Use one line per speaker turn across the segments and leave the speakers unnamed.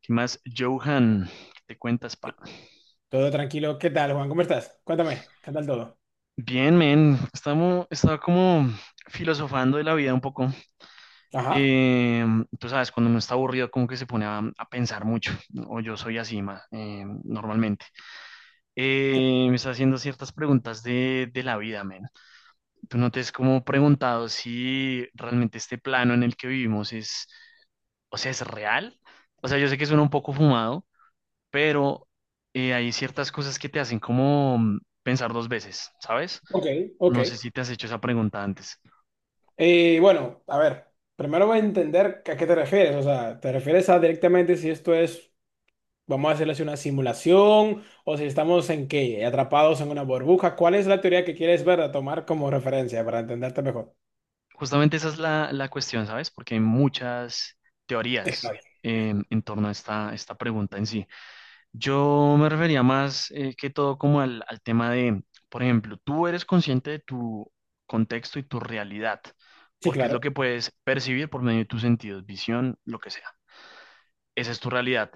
¿Qué más, Johan, te cuentas, pa?
¿Qué- Todo tranquilo. ¿Qué tal, Juan? ¿Cómo estás? Cuéntame, ¿qué tal todo?
Bien, men, estaba como filosofando de la vida un poco.
Ajá.
Eh, Tú sabes, cuando uno está aburrido, como que se pone a pensar mucho, ¿no? O yo soy así, ma, normalmente. Me está haciendo ciertas preguntas de la vida, men. Tú no te has como preguntado si realmente este plano en el que vivimos es, o sea, es real. O sea, yo sé que suena un poco fumado, pero hay ciertas cosas que te hacen como pensar dos veces, ¿sabes?
Ok, ok.
No sé si te has hecho esa pregunta antes.
Bueno, a ver, primero voy a entender a qué te refieres. O sea, ¿te refieres a directamente si esto es, vamos a decirlo así, una simulación o si estamos en qué, atrapados en una burbuja? ¿Cuál es la teoría que quieres ver a tomar como referencia para entenderte mejor?
Justamente esa es la cuestión, ¿sabes? Porque hay muchas
Está
teorías
bien.
en torno a esta pregunta en sí. Yo me refería más que todo como al tema de, por ejemplo, tú eres consciente de tu contexto y tu realidad,
Sí,
porque es lo que
claro.
puedes percibir por medio de tus sentidos, visión, lo que sea. Esa es tu realidad,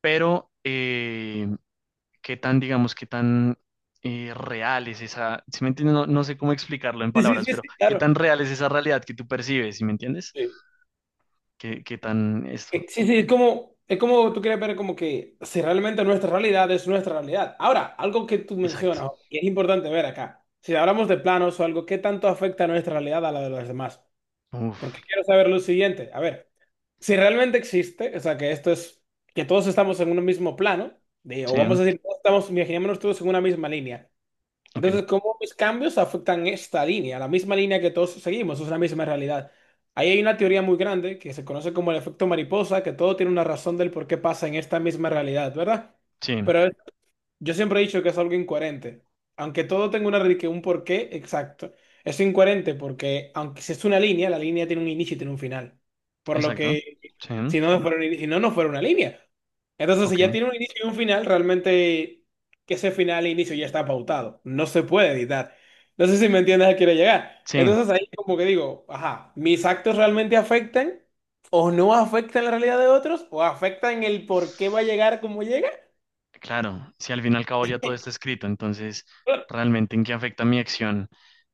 pero qué tan, digamos, qué tan real es esa, ¿si me entiendes? No, sé cómo explicarlo en
Sí, sí,
palabras,
sí,
pero
sí,
qué
claro.
tan real es esa realidad que tú percibes, ¿si me entiendes? ¿Qué, qué tan esto?
Sí, sí, es como tú quieres ver como que si realmente nuestra realidad es nuestra realidad. Ahora, algo que tú
Exacto.
mencionas, y es importante ver acá, si hablamos de planos o algo, ¿qué tanto afecta nuestra realidad a la de los demás?
Uf,
Porque quiero saber lo siguiente, a ver, si realmente existe, o sea, que esto es, que todos estamos en un mismo plano, o
sí,
vamos a decir, todos estamos, imaginémonos todos en una misma línea,
ok,
entonces, ¿cómo mis cambios afectan esta línea? La misma línea que todos seguimos, es la misma realidad. Ahí hay una teoría muy grande que se conoce como el efecto mariposa, que todo tiene una razón del por qué pasa en esta misma realidad, ¿verdad?
sí,
Pero yo siempre he dicho que es algo incoherente. Aunque todo tenga una, que un porqué exacto, es incoherente porque, aunque si es una línea, la línea tiene un inicio y tiene un final. Por lo
exacto,
que,
sí,
si no fuera, si no fuera una línea. Entonces, si
ok,
ya tiene un inicio y un final, realmente que ese final e inicio ya está pautado. No se puede editar. No sé si me entiendes a qué quiero llegar.
sí,
Entonces, ahí como que digo, ajá, ¿mis actos realmente afectan o no afectan la realidad de otros o afectan el por qué va a llegar como llega?
claro, si al fin y al cabo ya todo está escrito, entonces, ¿realmente en qué afecta mi acción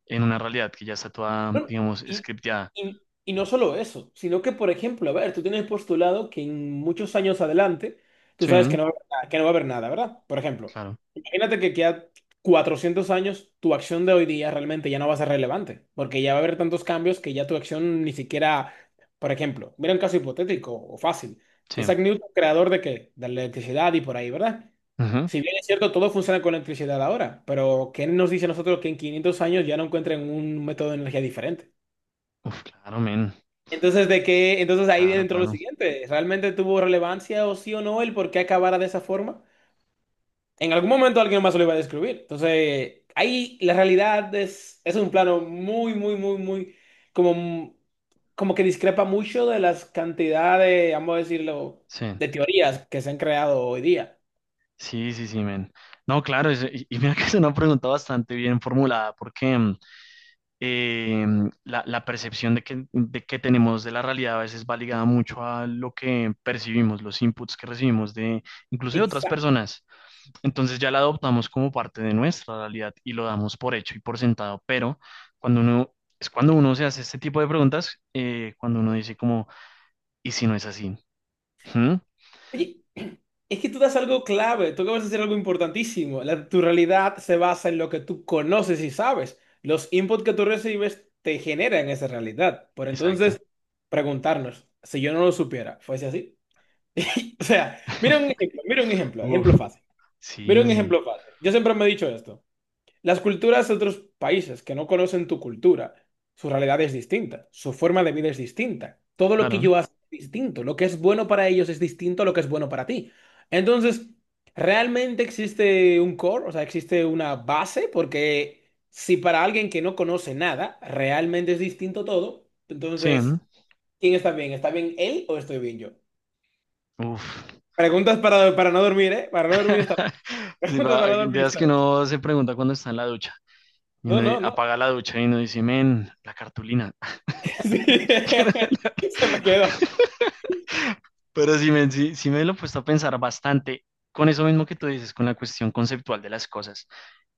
en una realidad que ya está toda,
No,
digamos,
Y,
scripteada?
y no solo eso, sino que, por ejemplo, a ver, tú tienes postulado que en muchos años adelante, tú
Sí,
sabes que no va a haber nada, que no va a haber nada, ¿verdad? Por ejemplo,
claro,
imagínate que queda 400 años, tu acción de hoy día realmente ya no va a ser relevante, porque ya va a haber tantos cambios que ya tu acción ni siquiera, por ejemplo, mira un caso hipotético o fácil.
sí.
Isaac Newton, ¿creador de qué? De la electricidad y por ahí, ¿verdad?
Ujú.
Si bien es cierto, todo funciona con electricidad ahora, pero ¿qué nos dice a nosotros que en 500 años ya no encuentren un método de energía diferente?
Uf, claro, men,
Entonces, ¿de qué? Entonces ahí
claro,
dentro lo
claro,
siguiente, ¿realmente tuvo relevancia o sí o no el por qué acabara de esa forma? En algún momento alguien más lo iba a describir. Entonces, ahí la realidad es un plano muy, muy, muy, muy, como, como que discrepa mucho de las cantidades, vamos a decirlo,
sí.
de teorías que se han creado hoy día.
Sí, sí, sí, men. No, claro, es- y mira que es una pregunta bastante bien formulada, porque la, la percepción de que tenemos de la realidad a veces va ligada mucho a lo que percibimos, los inputs que recibimos de incluso de otras personas. Entonces ya la adoptamos como parte de nuestra realidad y lo damos por hecho y por sentado, pero cuando uno, es cuando uno se hace este tipo de preguntas, cuando uno dice como, ¿y si no es así? ¿Mm?
Oye, es que tú das algo clave, tú acabas de decir algo importantísimo. La, tu realidad se basa en lo que tú conoces y sabes. Los inputs que tú recibes te generan esa realidad. Por
Exacto.
entonces, preguntarnos, si yo no lo supiera, ¿fuese así? O sea, mira un ejemplo,
Uf,
ejemplo fácil.
sí,
Mira un ejemplo fácil. Yo siempre me he dicho esto. Las culturas de otros países que no conocen tu cultura, su realidad es distinta, su forma de vida es distinta, todo lo que
claro.
yo hago es distinto, lo que es bueno para ellos es distinto a lo que es bueno para ti. Entonces, ¿realmente existe un core? O sea, ¿existe una base? Porque si para alguien que no conoce nada, realmente es distinto todo,
Sí.
entonces, ¿quién está bien? ¿Está bien él o estoy bien yo?
Uf.
Preguntas para no dormir, ¿eh? Para no dormir esta vez.
Sí,
Preguntas
va,
para no
de
dormir
esas
esta
que
vez.
uno se pregunta cuando está en la ducha. Y
No,
uno di-
no, no.
apaga la ducha y uno dice, men, la cartulina.
Sí. Se me quedó.
Pero sí, men, sí, sí me lo he puesto a pensar bastante con eso mismo que tú dices, con la cuestión conceptual de las cosas.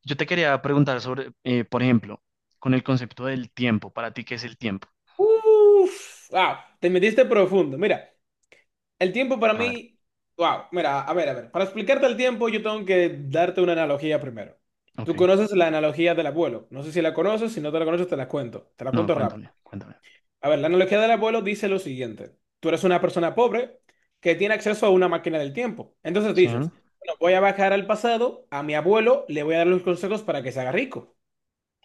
Yo te quería preguntar sobre, por ejemplo, con el concepto del tiempo. ¿Para ti qué es el tiempo?
Uf, wow, te metiste profundo. Mira, el tiempo para
A ver,
mí, wow, mira, a ver, para explicarte el tiempo yo tengo que darte una analogía primero. Tú
ok.
conoces la analogía del abuelo, no sé si la conoces, si no te la conoces te la
No,
cuento rápido.
cuéntame, cuéntame.
A ver, la analogía del abuelo dice lo siguiente, tú eres una persona pobre que tiene acceso a una máquina del tiempo. Entonces
Sí,
dices, bueno, voy a bajar al pasado, a mi abuelo le voy a dar los consejos para que se haga rico.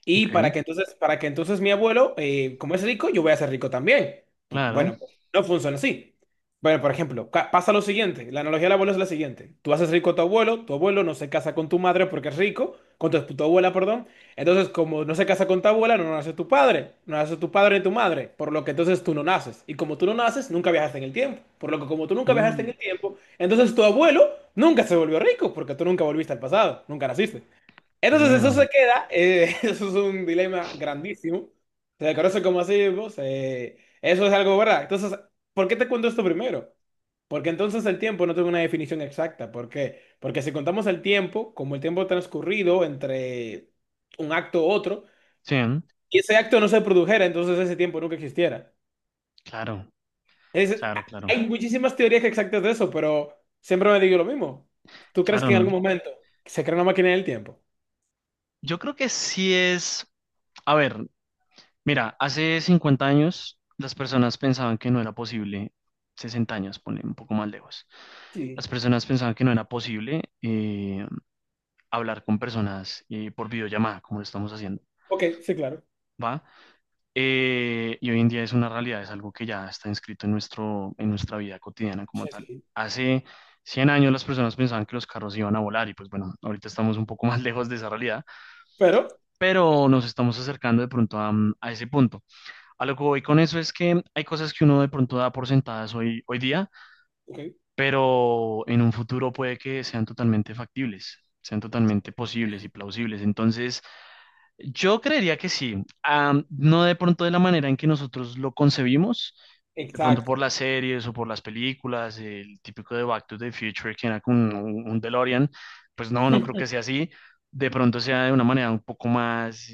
Y
ok.
para que entonces mi abuelo, como es rico, yo voy a ser rico también.
Claro.
Bueno, pues, no funciona así. Bueno, por ejemplo, pasa lo siguiente. La analogía del abuelo es la siguiente. Tú haces rico a tu abuelo no se casa con tu madre porque es rico, con tu, tu abuela, perdón. Entonces, como no se casa con tu abuela, no nace tu padre, no nace tu padre ni tu madre, por lo que entonces tú no naces. Y como tú no naces, nunca viajaste en el tiempo. Por lo que como tú nunca viajaste
Uh,
en el tiempo, entonces tu abuelo nunca se volvió rico porque tú nunca volviste al pasado, nunca naciste. Entonces eso
damn.
se queda, eso es un dilema grandísimo, se le conoce como así, pues, eso es algo verdad. Entonces, ¿por qué te cuento esto primero? Porque entonces el tiempo no tiene una definición exacta. ¿Por qué? Porque si contamos el tiempo como el tiempo transcurrido entre un acto u otro,
Sí,
y ese acto no se produjera, entonces ese tiempo nunca existiera.
claro.
Es-
Claro, claro.
hay muchísimas teorías exactas de eso, pero siempre me digo lo mismo. ¿Tú crees que en
Claro,
algún momento se crea una máquina del tiempo?
yo creo que sí es, a ver, mira, hace 50 años las personas pensaban que no era posible. 60 años, ponle un poco más lejos,
Sí.
las personas pensaban que no era posible hablar con personas por videollamada, como lo estamos haciendo,
Ok, sí, claro.
¿va? Y hoy en día es una realidad, es algo que ya está inscrito en nuestro, en nuestra vida cotidiana como
Sí,
tal.
sí.
Hace 100 años las personas pensaban que los carros iban a volar y pues bueno, ahorita estamos un poco más lejos de esa realidad,
Pero,
pero nos estamos acercando de pronto a, a ese punto. A lo que voy con eso es que hay cosas que uno de pronto da por sentadas hoy, hoy día,
ok,
pero en un futuro puede que sean totalmente factibles. Sean totalmente posibles y plausibles. Entonces, yo creería que sí. Ah, no de pronto de la manera en que nosotros lo concebimos, de pronto
exacto.
por las series o por las películas, el típico de Back to the Future que era con un DeLorean, pues no, no creo que sea así. De pronto sea de una manera un poco más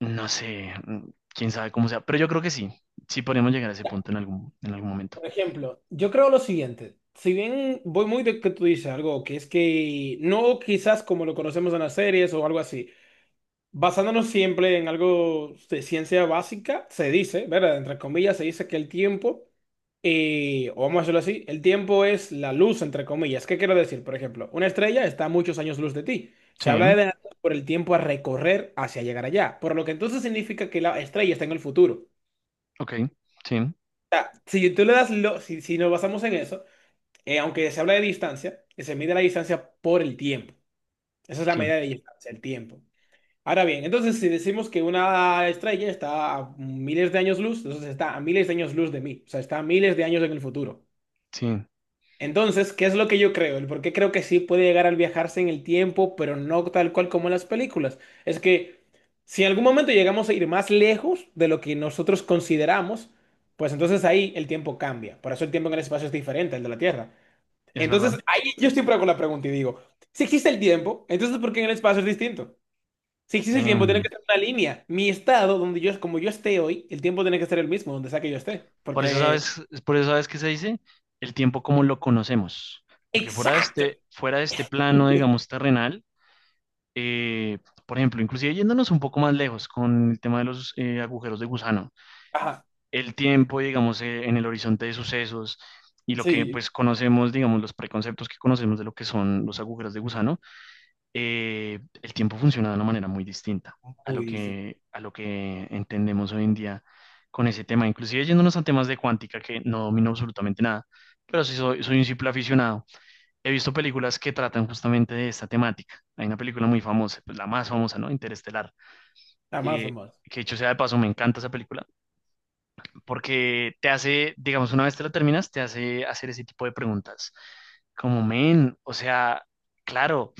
no sé, quién sabe cómo sea, pero yo creo que sí, sí podríamos llegar a ese punto en algún momento.
Por ejemplo, yo creo lo siguiente. Si bien voy muy de que tú dices algo, que es que no quizás como lo conocemos en las series o algo así, basándonos siempre en algo de ciencia básica, se dice, ¿verdad? Entre comillas, se dice que el tiempo, o vamos a decirlo así, el tiempo es la luz, entre comillas. ¿Qué quiero decir? Por ejemplo, una estrella está a muchos años luz de ti. Se
Sí,
habla de por el tiempo a recorrer hacia llegar allá, por lo que entonces significa que la estrella está en el futuro.
ok, sí,
Si tú le das, si, si nos basamos en eso, aunque se habla de distancia, se mide la distancia por el tiempo. Esa es la
sí,
medida de distancia, el tiempo. Ahora bien, entonces si decimos que una estrella está a miles de años luz, entonces está a miles de años luz de mí, o sea, está a miles de años en el futuro.
sí,
Entonces, ¿qué es lo que yo creo? El por qué creo que sí puede llegar al viajarse en el tiempo, pero no tal cual como en las películas. Es que si en algún momento llegamos a ir más lejos de lo que nosotros consideramos, pues entonces ahí el tiempo cambia. Por eso el tiempo en el espacio es diferente al de la Tierra.
es
Entonces,
verdad.
ahí yo siempre hago la pregunta y digo, si existe el tiempo, entonces ¿por qué en el espacio es distinto? Si existe el tiempo,
Em,
tiene que ser una línea. Mi estado, donde yo, como yo esté hoy, el tiempo tiene que ser el mismo, donde sea que yo esté.
por eso
Porque...
sabes, es por eso sabes qué se dice, el tiempo como lo conocemos, porque
Exacto.
fuera de este plano, digamos, terrenal, eh, por ejemplo, inclusive yéndonos un poco más lejos con el tema de los agujeros de gusano.
Ajá,
El tiempo, digamos, en el horizonte de sucesos y lo que
sí.
pues conocemos, digamos, los preconceptos que conocemos de lo que son los agujeros de gusano, el tiempo funciona de una manera muy distinta
Muy difícil.
a lo que entendemos hoy en día con ese tema, inclusive yéndonos a temas de cuántica que no domino absolutamente nada, pero sí soy, soy un simple aficionado. He visto películas que tratan justamente de esta temática. Hay una película muy famosa, pues la más famosa, ¿no? Interestelar.
Nada más o
Eh,
más.
que dicho sea de paso, me encanta esa película porque te hace, digamos, una vez te lo terminas, te hace hacer ese tipo de preguntas. Como, men, o sea, claro,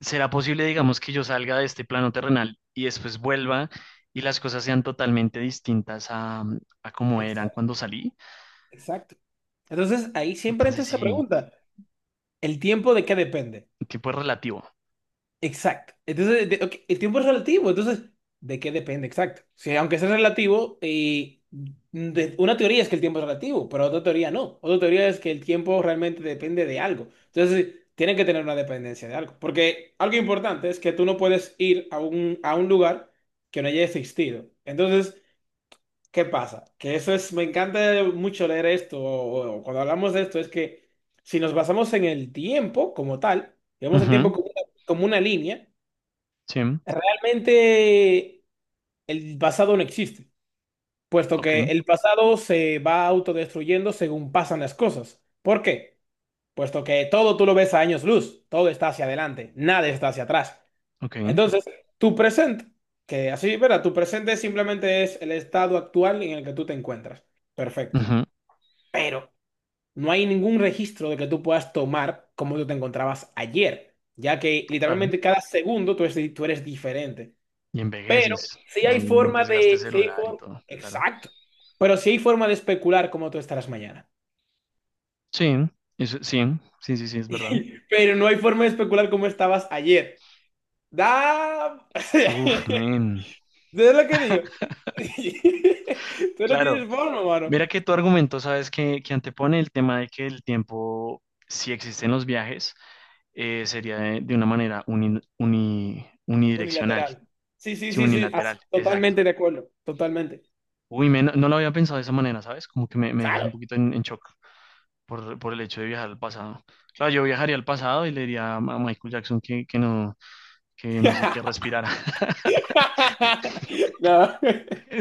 ¿será posible, digamos, que yo salga de este plano terrenal y después vuelva y las cosas sean totalmente distintas a, a como eran
Exacto.
cuando salí?
Exacto. Entonces, ahí siempre entra
Entonces,
esa
sí,
pregunta. ¿El tiempo de qué depende?
tipo es relativo.
Exacto. Entonces, ok, el tiempo es relativo. Entonces, ¿de qué depende? Exacto. Sí, aunque sea relativo, y una teoría es que el tiempo es relativo, pero otra teoría no. Otra teoría es que el tiempo realmente depende de algo. Entonces, tiene que tener una dependencia de algo. Porque algo importante es que tú no puedes ir a un lugar que no haya existido. Entonces, ¿qué pasa? Que eso es, me encanta mucho leer esto, o cuando hablamos de esto, es que si nos basamos en el tiempo como tal, vemos el
Ujú,
tiempo como una línea,
sí,
realmente el pasado no existe, puesto
ok,
que el pasado se va autodestruyendo según pasan las cosas. ¿Por qué? Puesto que todo tú lo ves a años luz, todo está hacia adelante, nada está hacia atrás.
ok,
Entonces, tu presente, que así, ¿verdad? Tu presente simplemente es el estado actual en el que tú te encuentras. Perfecto.
ujú,
Pero no hay ningún registro de que tú puedas tomar como tú te encontrabas ayer, ya que
claro.
literalmente cada segundo tú eres diferente.
Y
Pero
envejeces,
si
hay
hay
un
forma
desgaste
de...
celular y todo, claro.
exacto. Pero si hay forma de especular cómo tú estarás mañana.
Sí, eso, sí, sí, sí, sí, es verdad.
Pero no hay forma de especular cómo estabas ayer. Da...
Uf,
¿Sabes
men.
lo que digo? Tú no
Claro,
tienes forma, mano.
mira que tu argumento, sabes, que antepone el tema de que el tiempo, si existen los viajes, sería de una manera unidireccional,
Unilateral. Sí, sí,
sí,
sí, sí.
unilateral, exacto.
Totalmente de acuerdo. Totalmente.
Uy, me- no, no lo había pensado de esa manera, ¿sabes? Como que me dejas
Claro.
un poquito en shock por el hecho de viajar al pasado. Claro, yo viajaría al pasado y le diría a Michael Jackson que no sé qué respirara.
No. No,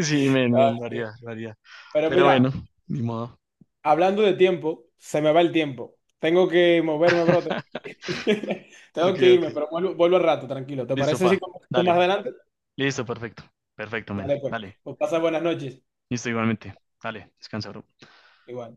Sí, me lo
sí.
haría, lo haría.
Pero
Pero bueno,
mira,
ni modo.
hablando de tiempo, se me va el tiempo. Tengo que moverme, bro. Tengo
Ok,
que
ok.
irme, pero vuelvo, vuelvo al rato, tranquilo. ¿Te
Listo,
parece si
pa.
conversamos más
Dale.
adelante?
Listo, perfecto. Perfecto, men.
Dale, pues.
Dale.
Pues pasa buenas noches.
Listo, igualmente. Dale, descansa, bro.
Igual.